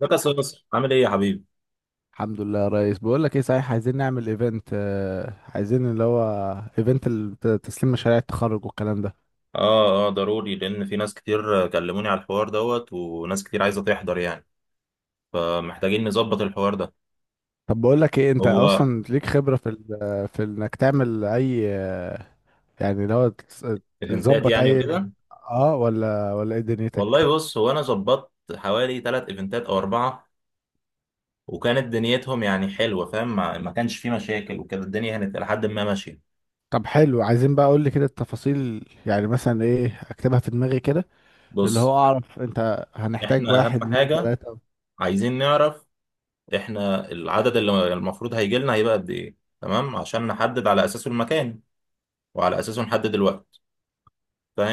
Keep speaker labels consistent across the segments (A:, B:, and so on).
A: ده كاس مصر عامل ايه يا حبيبي؟
B: الحمد لله يا ريس. بقول لك ايه، صحيح عايزين نعمل ايفنت، عايزين اللي هو ايفنت تسليم مشاريع التخرج والكلام ده.
A: اه اه، ضروري لان في ناس كتير كلموني على الحوار دوت، وناس كتير عايزه تحضر يعني. فمحتاجين نظبط الحوار ده.
B: طب بقول لك ايه، انت
A: هو
B: اصلا ليك خبرة في في انك تعمل اي، يعني اللي هو
A: ايفنتات
B: تظبط
A: يعني
B: اي؟
A: وكده.
B: اه، ولا ايه دنيتك؟
A: والله بص، هو انا ظبطت حوالي ثلاث ايفنتات او اربعه، وكانت دنيتهم يعني حلوه، فاهم؟ ما كانش في مشاكل وكده، الدنيا كانت لحد ما ماشيه.
B: طب حلو، عايزين بقى، اقول لي كده التفاصيل يعني، مثلا ايه، اكتبها في دماغي كده. اللي
A: بص،
B: هو اعرف انت هنحتاج
A: احنا اهم
B: واحد اتنين
A: حاجه
B: تلاتة.
A: عايزين نعرف احنا العدد اللي المفروض هيجي لنا هيبقى قد ايه، تمام؟ عشان نحدد على اساسه المكان، وعلى اساسه نحدد الوقت،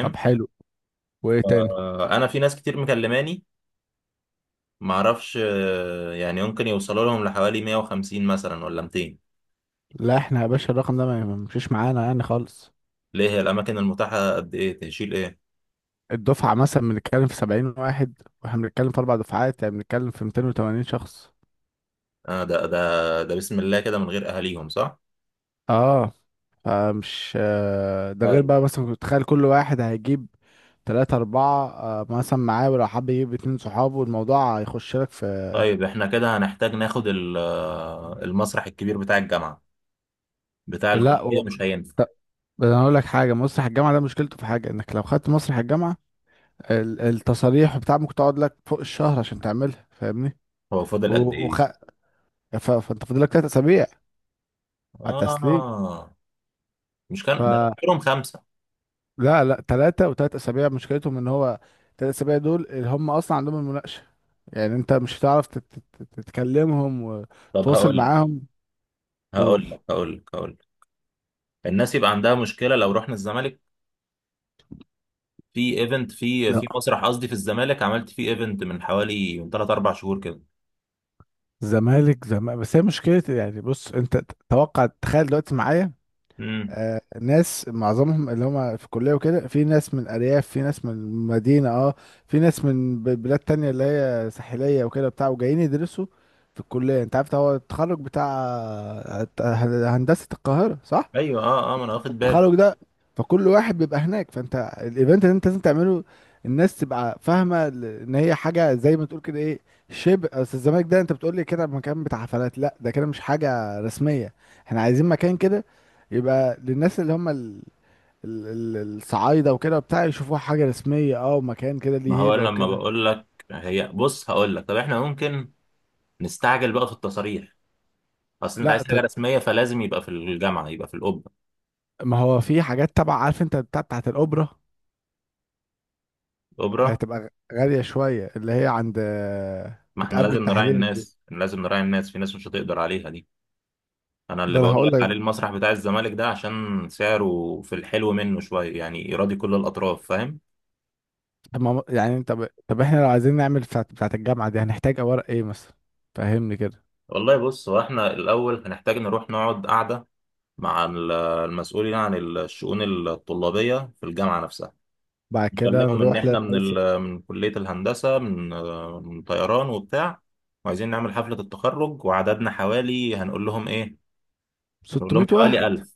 B: طب حلو، وايه تاني؟
A: انا في ناس كتير مكلماني، معرفش، يعني ممكن يوصلوا لهم لحوالي 150 مثلا ولا 200.
B: لا، احنا يا باشا الرقم ده ما يمشيش معانا يعني خالص.
A: ليه؟ هي الاماكن المتاحه قد ايه؟ تشيل ايه؟
B: الدفعة مثلا بنتكلم في 70 واحد، واحنا بنتكلم في 4 دفعات، يعني بنتكلم في 280 شخص.
A: ده بسم الله كده، من غير اهاليهم صح؟
B: اه. آه، مش آه، ده غير
A: طيب،
B: بقى مثلا كنت تخيل كل واحد هيجيب تلاتة أربعة مثلا معاه، ولو حب يجيب اتنين صحابه، الموضوع هيخش لك في.
A: طيب احنا كده هنحتاج ناخد المسرح الكبير بتاع الجامعه، بتاع
B: لا و...
A: الكليه مش هينفع؟
B: ط- انا اقول لك حاجه، مسرح الجامعه ده مشكلته في حاجه، انك لو خدت مسرح الجامعه التصاريح وبتاع ممكن تقعد لك فوق الشهر عشان تعملها، فاهمني.
A: هو
B: و...
A: فاضل قد
B: وخ...
A: ايه؟
B: فانت فاضل لك 3 اسابيع على التسليم.
A: اه. مش
B: ف...
A: كان ده كلهم خمسه؟
B: لا لا، ثلاثة، وثلاث أسابيع مشكلتهم إن هو 3 أسابيع دول اللي هم أصلا عندهم المناقشة، يعني أنت مش هتعرف تتكلمهم
A: طب
B: وتتواصل
A: هقول لك
B: معاهم. قول.
A: هقول لك هقول لك هقول لك. الناس يبقى عندها مشكله لو رحنا الزمالك؟ في ايفنت في
B: ز-
A: مسرح، قصدي في الزمالك، عملت فيه ايفنت من حوالي من 3 4 شهور كده.
B: زمالك زمالك بس هي مشكلة، يعني بص أنت، توقع، تخيل دلوقتي معايا
A: امم.
B: ناس معظمهم اللي هم في الكلية وكده، في ناس من الأرياف، في ناس من المدينة، اه، في ناس من بلاد تانية اللي هي ساحلية وكده بتاع، وجايين يدرسوا في الكلية. أنت عارف هو التخرج بتاع آه، هندسة القاهرة صح؟
A: ايوه، اه، ما انا واخد بالي.
B: التخرج ده، فكل واحد بيبقى هناك، فانت الايفنت اللي انت لازم تعمله الناس تبقى فاهمه ان هي حاجه زي ما تقول كده ايه، شبه، اصل الزمالك ده انت بتقول لي كده مكان بتاع حفلات، لا ده كده مش حاجه رسميه. احنا عايزين مكان كده يبقى للناس اللي هم الصعايده وكده وبتاع يشوفوها حاجه رسميه، اه ومكان كده ليه
A: ما هو
B: هيبه
A: أنا لما
B: وكده.
A: بقول لك، هي بص هقول لك، طب احنا ممكن نستعجل بقى في التصاريح. اصل انت
B: لا
A: عايز
B: ت...
A: حاجه رسميه، فلازم يبقى في الجامعه، يبقى في الاوبرا.
B: ما هو في حاجات تبع، عارف انت بتاع بتاعت الاوبرا،
A: الاوبرا؟
B: هتبقى غاليه شويه، اللي هي عند
A: ما احنا
B: بتقابل
A: لازم نراعي
B: التحليل دي.
A: الناس، لازم نراعي الناس، في ناس مش هتقدر عليها دي. انا اللي
B: ده انا
A: بقول
B: هقول
A: لك
B: لك.
A: عليه المسرح بتاع الزمالك ده عشان سعره في الحلو منه شويه، يعني يراضي كل الاطراف، فاهم؟
B: طب ما يعني، طب احنا لو عايزين نعمل بتاعة الجامعة دي هنحتاج أوراق ايه مثلا؟ فهمني كده.
A: والله بص، هو احنا الاول هنحتاج نروح نقعد قعده مع المسؤولين عن الشؤون الطلابية في الجامعة نفسها.
B: بعد كده
A: بكلمهم إن
B: نروح
A: إحنا
B: للعايز.
A: من كلية الهندسة، من طيران وبتاع، وعايزين نعمل حفلة التخرج، وعددنا حوالي، هنقول لهم إيه؟ نقول
B: 600
A: لهم
B: واحد.
A: حوالي 1000.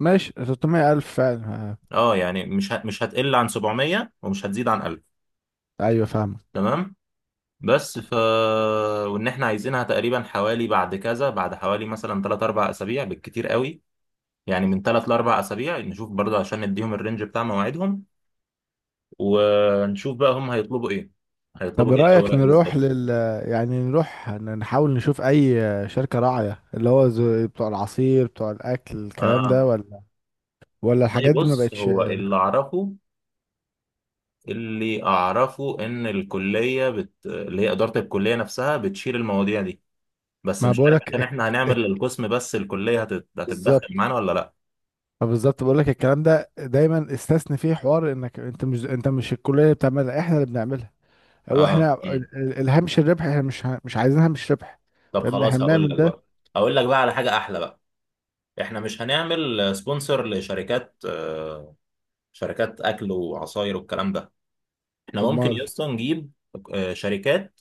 B: ماشي 600 ألف فعلا، ها.
A: أه، يعني مش هتقل عن 700 ومش هتزيد عن 1000.
B: أيوة فاهمك.
A: تمام. بس ف، وإن إحنا عايزينها تقريبا حوالي بعد كذا، بعد حوالي مثلا 3 4 أسابيع بالكتير قوي، يعني من 3 ل 4 أسابيع نشوف برضه، عشان نديهم الرينج بتاع مواعيدهم، ونشوف بقى هم هيطلبوا ايه،
B: طب
A: هيطلبوا ايه
B: رأيك
A: الاوراق
B: نروح
A: بالظبط.
B: يعني نروح نحاول نشوف أي شركة راعية، اللي هو بتوع العصير بتوع الأكل الكلام
A: اه،
B: ده، ولا ولا الحاجات
A: والله
B: دي ما
A: بص،
B: بقتش؟
A: هو اللي اعرفه، اللي اعرفه ان اللي هي اداره الكليه نفسها بتشيل المواضيع دي، بس
B: ما
A: مش عارف عشان
B: بقولك
A: احنا هنعمل للقسم بس، الكليه
B: بالظبط،
A: هتتدخل معانا ولا لا؟
B: ما بالظبط بقولك الكلام ده، دايما استثني فيه حوار انك انت، مش الكلية اللي بتعملها، احنا اللي بنعملها. هو احنا
A: اه.
B: الهامش الربح احنا مش عايزين هامش ربح.
A: طب
B: فاهم، احنا
A: خلاص، هقول
B: بنعمل
A: لك
B: ده.
A: بقى، هقول لك بقى على حاجه احلى بقى. احنا مش هنعمل سبونسر لشركات، شركات اكل وعصاير والكلام ده. احنا ممكن
B: امال.
A: يا اسطى نجيب شركات،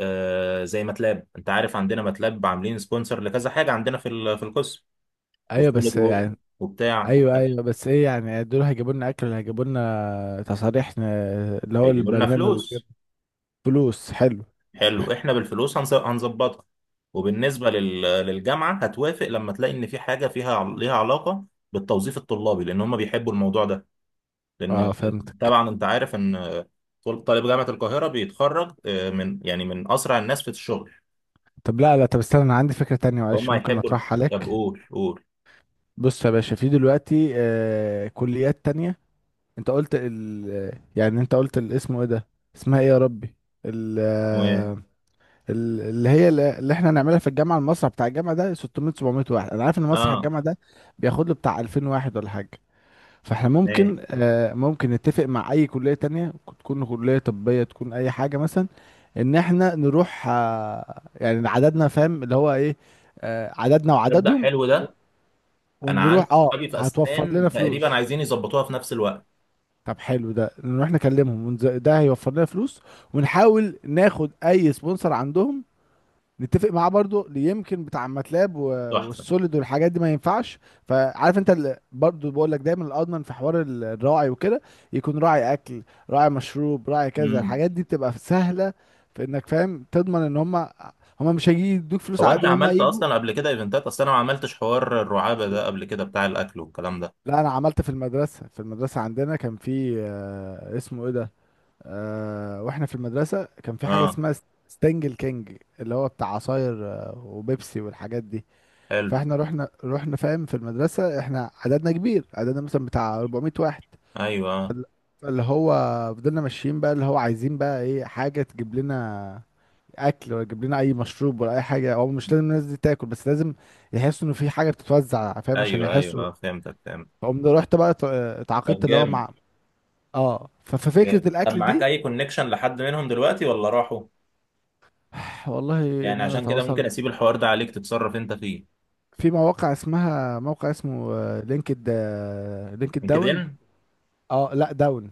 A: زي ماتلاب، انت عارف عندنا ماتلاب عاملين سبونسر لكذا حاجه عندنا في في القسم،
B: ايوه
A: وسوليد
B: بس يعني.
A: وورك وبتاع
B: ايوه
A: وبتاع.
B: ايوه، بس ايه يعني، دول هيجيبوا لنا اكل، هيجيبوا لنا تصاريح، اللي هو
A: هيجيبوا لنا
B: البرنامج وكده؟
A: فلوس.
B: فلوس، حلو.
A: حلو، احنا بالفلوس هنظبطها. وبالنسبه للجامعه، هتوافق لما تلاقي ان في حاجه فيها ليها علاقه بالتوظيف الطلابي، لان هم بيحبوا الموضوع ده. لان
B: اه فهمتك.
A: طبعا انت عارف ان طالب جامعه القاهره بيتخرج، من يعني من اسرع الناس في الشغل.
B: طب لا لا، طب استنى، انا عندي فكرة تانية
A: هم
B: معلش ممكن
A: هيحبوا.
B: اطرحها
A: طب
B: عليك.
A: قول قول.
B: بص يا باشا، في دلوقتي كليات تانية. انت قلت يعني انت قلت الاسم ايه ده، اسمها ايه يا ربي، ال
A: و،
B: اللي هي اللي احنا هنعملها في الجامعه المسرح بتاع الجامعه ده 600 700 واحد، انا عارف ان مسرح
A: اه
B: الجامعه ده بياخد له بتاع 2000 واحد ولا حاجه. فاحنا
A: ماشي.
B: ممكن ممكن نتفق مع اي كليه تانية، تكون كليه طبيه، تكون اي حاجه مثلا، ان احنا نروح يعني عددنا، فاهم اللي هو ايه، عددنا
A: تبدأ
B: وعددهم
A: حلو
B: و-
A: ده. انا عندي
B: ونروح، اه
A: صحابي في
B: هتوفر لنا
A: اسنان تقريبا
B: فلوس.
A: عايزين يظبطوها في نفس الوقت.
B: طب حلو ده، نروح نكلمهم ده هيوفر لنا فلوس، ونحاول ناخد اي سبونسر عندهم، نتفق معاه برضو اللي يمكن بتاع ماتلاب و-
A: تحفه.
B: والسوليد والحاجات دي ما ينفعش. فعارف انت برضو بقول لك دايما الاضمن في حوار الراعي وكده، يكون راعي اكل، راعي مشروب، راعي كذا،
A: امم.
B: الحاجات دي بتبقى سهله في انك فاهم تضمن ان هم مش هيجي يدوك فلوس
A: هو
B: على
A: انت
B: قد ما هم
A: عملت
B: هيجوا.
A: اصلا قبل كده ايفنتات؟ اصلا انا ما عملتش حوار الرعابه ده قبل كده، بتاع الاكل والكلام ده.
B: لا، انا عملت في المدرسه، عندنا كان في اسمه ايه ده، واحنا في المدرسه كان في حاجه
A: اه.
B: اسمها ستانجل كينج، اللي هو بتاع عصاير وبيبسي والحاجات دي.
A: حلو.
B: فاحنا رحنا فاهم، في المدرسة احنا عددنا كبير، عددنا مثلا بتاع 400 واحد،
A: ايوه، آه.
B: فال- فاللي هو، فضلنا ماشيين بقى اللي هو عايزين بقى ايه، حاجة تجيب لنا اكل، ولا تجيب لنا اي مشروب، ولا اي حاجة. هو مش لازم الناس دي تاكل، بس لازم يحسوا انه في حاجة بتتوزع، فاهم، عشان
A: ايوه ايوه،
B: يحسوا.
A: اه فهمتك، فهمت.
B: فقمت رحت بقى
A: طب
B: اتعاقدت اللي هو
A: جامد،
B: مع، اه ففكرة
A: جامد. طب
B: الاكل
A: معاك
B: دي.
A: اي كونكشن لحد منهم دلوقتي ولا راحوا؟
B: والله،
A: يعني
B: ان انا
A: عشان كده
B: اتواصل
A: ممكن اسيب الحوار ده عليك تتصرف انت فيه.
B: في مواقع، اسمها موقع اسمه لينكد لينكد داون.
A: لينكدين.
B: اه لا، داون.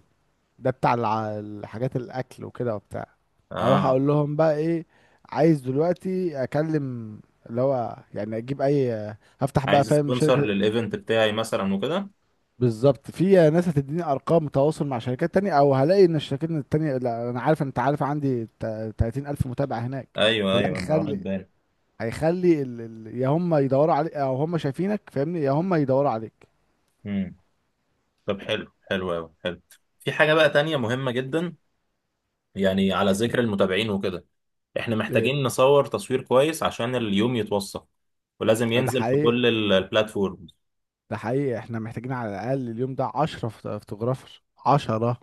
B: ده بتاع الحاجات الاكل وكده وبتاع، اروح
A: اه،
B: اقول لهم بقى ايه، عايز دلوقتي اكلم اللي هو يعني اجيب اي، هفتح بقى
A: عايز
B: فاهم
A: سبونسر
B: شركة.
A: للايفنت بتاعي مثلا وكده.
B: بالظبط، في ناس هتديني ارقام تواصل مع شركات تانية، او هلاقي ان الشركات التانية، لا انا عارف انت عارف عندي 30,000 متابع هناك،
A: ايوه
B: فده
A: ايوه، انا واخد
B: هيخلي يا هم يدوروا عليك، او هم شايفينك، فاهمني، يا هم يدوروا عليك.
A: بالي. طب حلو، حلو قوي، حلو. في حاجة بقى تانية مهمة جدا، يعني على ذكر المتابعين وكده، احنا
B: ايه.
A: محتاجين نصور تصوير كويس عشان اليوم يتوثق، ولازم
B: ده
A: ينزل في
B: حقيقي،
A: كل البلاتفورمز.
B: ده حقيقي احنا محتاجين على الاقل اليوم ده 10 فوتوغرافر، 10.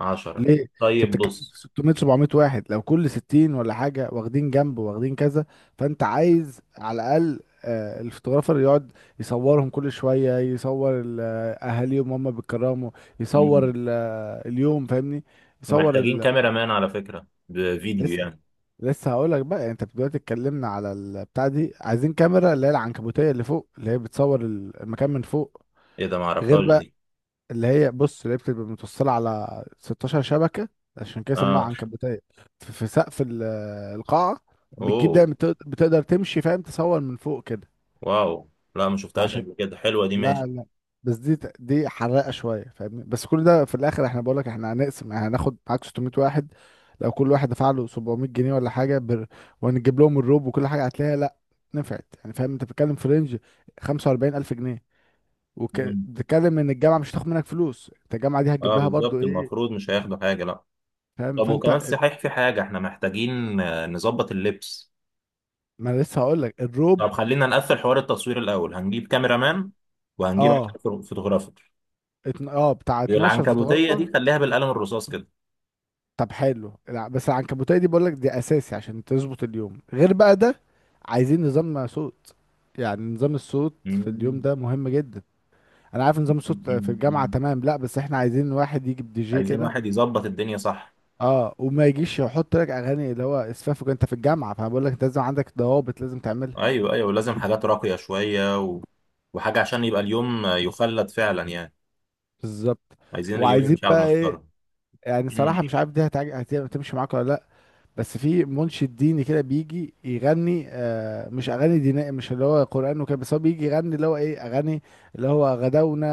A: عشرة؟
B: ليه؟ انت
A: طيب
B: بتتكلم
A: بص.
B: في 600 700 واحد، لو كل 60 ولا حاجه واخدين جنب، واخدين كذا، فانت عايز على الاقل الفوتوغرافر يقعد يصورهم كل شويه، يصور اهاليهم هم بيتكرموا، يصور
A: مم.
B: اليوم فاهمني، يصور
A: ومحتاجين كاميرا مان على فكرة، بفيديو
B: لسه
A: يعني.
B: لسه هقول لك بقى، يعني انت دلوقتي اتكلمنا على البتاع دي، عايزين كاميرا اللي هي العنكبوتيه اللي فوق، اللي هي بتصور المكان من فوق،
A: ايه ده؟
B: غير
A: معرفهاش
B: بقى.
A: دي.
B: اللي هي بص، اللي هي بتبقى متوصلة على 16 شبكة، عشان كده سموها
A: اه.
B: عنكبوتية، في سقف القاعة، بتجيب
A: اوه.
B: دايما بتقدر تمشي فاهم، تصور من فوق كده.
A: واو. لا، ما شفتهاش
B: وعشان،
A: قبل كده، حلوة دي، ماشي.
B: لا لا، بس دي دي حراقة شوية فاهمني، بس كل ده في الآخر احنا بقولك احنا هنقسم، يعني هناخد معاك 600 واحد، لو كل واحد دفع له 700 جنيه ولا حاجة وهنجيب لهم الروب وكل حاجة، هتلاقيها لا نفعت يعني، فاهم انت بتتكلم في رينج 45,000 جنيه،
A: مم.
B: وبتتكلم ان الجامعة مش هتاخد منك فلوس، انت الجامعة دي هتجيب
A: اه
B: لها برضو
A: بالظبط،
B: ايه،
A: المفروض مش هياخدوا حاجة لا.
B: فاهم.
A: طب وكمان
B: فانت
A: صحيح، في حاجة احنا محتاجين، نظبط اللبس.
B: ما أنا لسه هقول لك الروب.
A: طب خلينا نقفل حوار التصوير الأول، هنجيب كاميرا مان وهنجيب
B: اه
A: 10 فوتوغرافر.
B: اه بتاع 12
A: العنكبوتية دي
B: فوتوغرافر.
A: خليها بالقلم الرصاص كده.
B: طب حلو، بس العنكبوتيه دي بقول لك دي اساسي عشان تظبط اليوم، غير بقى ده، عايزين نظام صوت، يعني نظام الصوت في اليوم
A: مم.
B: ده مهم جدا. انا عارف نظام الصوت في
A: مم.
B: الجامعه
A: مم.
B: تمام، لا بس احنا عايزين واحد يجيب دي جي
A: عايزين
B: كده،
A: واحد يظبط الدنيا، صح؟
B: اه وما يجيش يحط لك اغاني اللي هو اسفافك انت في الجامعه، فانا بقول لك انت لازم عندك ضوابط لازم تعملها.
A: أيوه أيوه، ولازم حاجات راقية شوية، و، وحاجة عشان يبقى اليوم يخلد فعلا يعني.
B: بالظبط.
A: عايزين اليوم
B: وعايزين
A: يمشي على
B: بقى ايه،
A: المسطرة.
B: يعني
A: مم.
B: صراحه مش عارف دي هتمشي معاك ولا لا، بس في منشد ديني كده بيجي يغني مش اغاني دينية، مش اللي هو قرآن وكده، بس هو بيجي يغني اللي هو ايه، اغاني اللي هو غدونا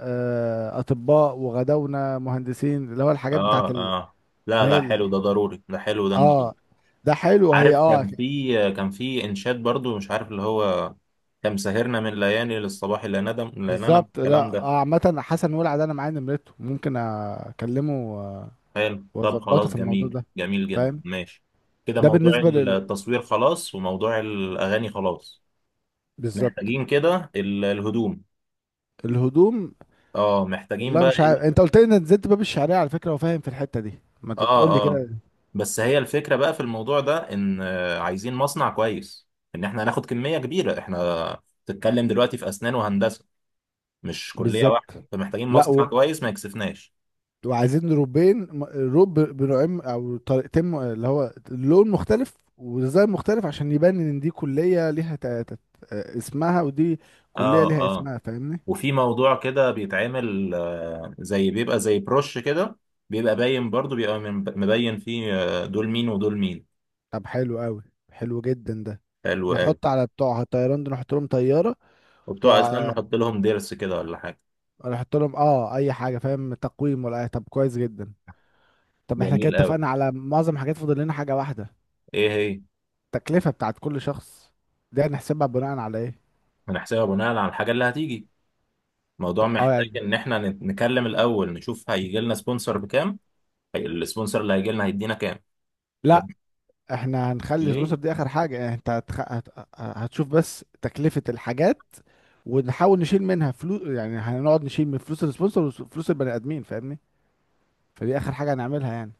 B: اطباء وغدونا مهندسين، اللي هو الحاجات بتاعت
A: آه آه
B: اللي
A: لا
B: هي
A: لا، حلو ده، ضروري ده، حلو ده،
B: اه،
A: نجيب.
B: ده حلو هي
A: عارف
B: اه.
A: كان في، كان في إنشاد برضو، مش عارف اللي هو، كم سهرنا من ليالي للصباح، لا ندم لا ننم،
B: بالظبط،
A: الكلام
B: لا
A: ده.
B: عامة حسن ولع ده انا معايا نمرته، ممكن اكلمه و-
A: حلو، طب
B: واظبطه
A: خلاص،
B: في الموضوع
A: جميل،
B: ده،
A: جميل جدا،
B: فاهم.
A: ماشي. كده
B: ده
A: موضوع
B: بالنسبة لل،
A: التصوير خلاص، وموضوع الأغاني خلاص.
B: بالظبط.
A: محتاجين كده الهدوم.
B: الهدوم،
A: اه، محتاجين
B: والله
A: بقى
B: مش عارف،
A: ايه؟
B: انت قلت لي ان نزلت باب الشعريه على فكره، وفاهم في الحته دي، ما تقول لي
A: اه
B: كده.
A: بس هي الفكرة بقى في الموضوع ده ان، عايزين مصنع كويس، ان احنا هناخد كمية كبيرة، احنا بتتكلم دلوقتي في أسنان وهندسة، مش كلية
B: بالظبط.
A: واحدة، فمحتاجين
B: لا
A: مصنع
B: و...
A: كويس ما يكسفناش.
B: وعايزين روبين روب بنوعين او طريقتين اللي هو لون مختلف وديزاين مختلف، عشان يبان ان دي كليه ليها ت... ت... آه، اسمها، ودي كليه
A: اه،
B: ليها
A: آه.
B: اسمها فاهمني.
A: وفي موضوع كده بيتعمل، زي، بيبقى زي بروش كده، بيبقى باين برضو، بيبقى مبين فيه، دول مين ودول مين.
B: طب حلو قوي، حلو جدا ده،
A: حلو قوي.
B: نحط على بتوع الطيران دول نحط لهم طياره،
A: وبتوع اسنان
B: بتوع،
A: نحط لهم ضرس كده ولا حاجه.
B: نحط لهم اه اي حاجه فاهم، تقويم ولا اي، طب كويس جدا. طب احنا كده
A: جميل قوي.
B: اتفقنا على معظم الحاجات، فاضل لنا حاجه واحده،
A: ايه هي؟
B: التكلفة بتاعت كل شخص، دي هنحسبها بناء على ايه؟
A: هنحسبها بناء على الحاجه اللي هتيجي. الموضوع
B: اه
A: محتاج
B: يعني،
A: ان احنا نكلم الاول، نشوف هيجي لنا سبونسر بكام. هي، السبونسر اللي هيجي لنا هيدينا كام. و.
B: لا، احنا هنخلي سبونسر
A: ليه؟
B: دي اخر حاجة، يعني انت هتشوف بس تكلفة الحاجات، ونحاول نشيل منها فلوس، يعني هنقعد نشيل من فلوس السبونسر وفلوس البني ادمين فاهمني، فدي اخر حاجة هنعملها يعني.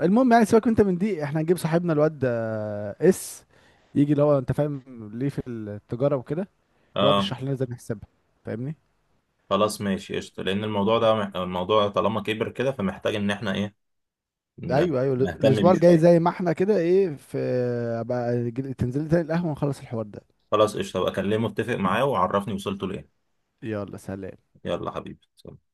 B: المهم يعني سيبك انت من دي، احنا هنجيب صاحبنا الواد آه، اس يجي اللي هو انت فاهم، ليه في التجارة وكده، يقعد
A: اه،
B: يشرح لنا ازاي نحسبها، فاهمني.
A: خلاص ماشي قشطه، لان الموضوع ده الموضوع طالما كبر كده، فمحتاج ان احنا ايه،
B: ايوه ايوه،
A: نهتم
B: الاسبوع
A: بيه
B: الجاي زي
A: شويه.
B: ما احنا كده ايه، في بقى تنزل لي تاني القهوه، ونخلص الحوار ده.
A: خلاص قشطة بقى، أكلمه، أتفق معاه وعرفني وصلته لإيه.
B: يلا سلام.
A: يلا حبيبي، سلام.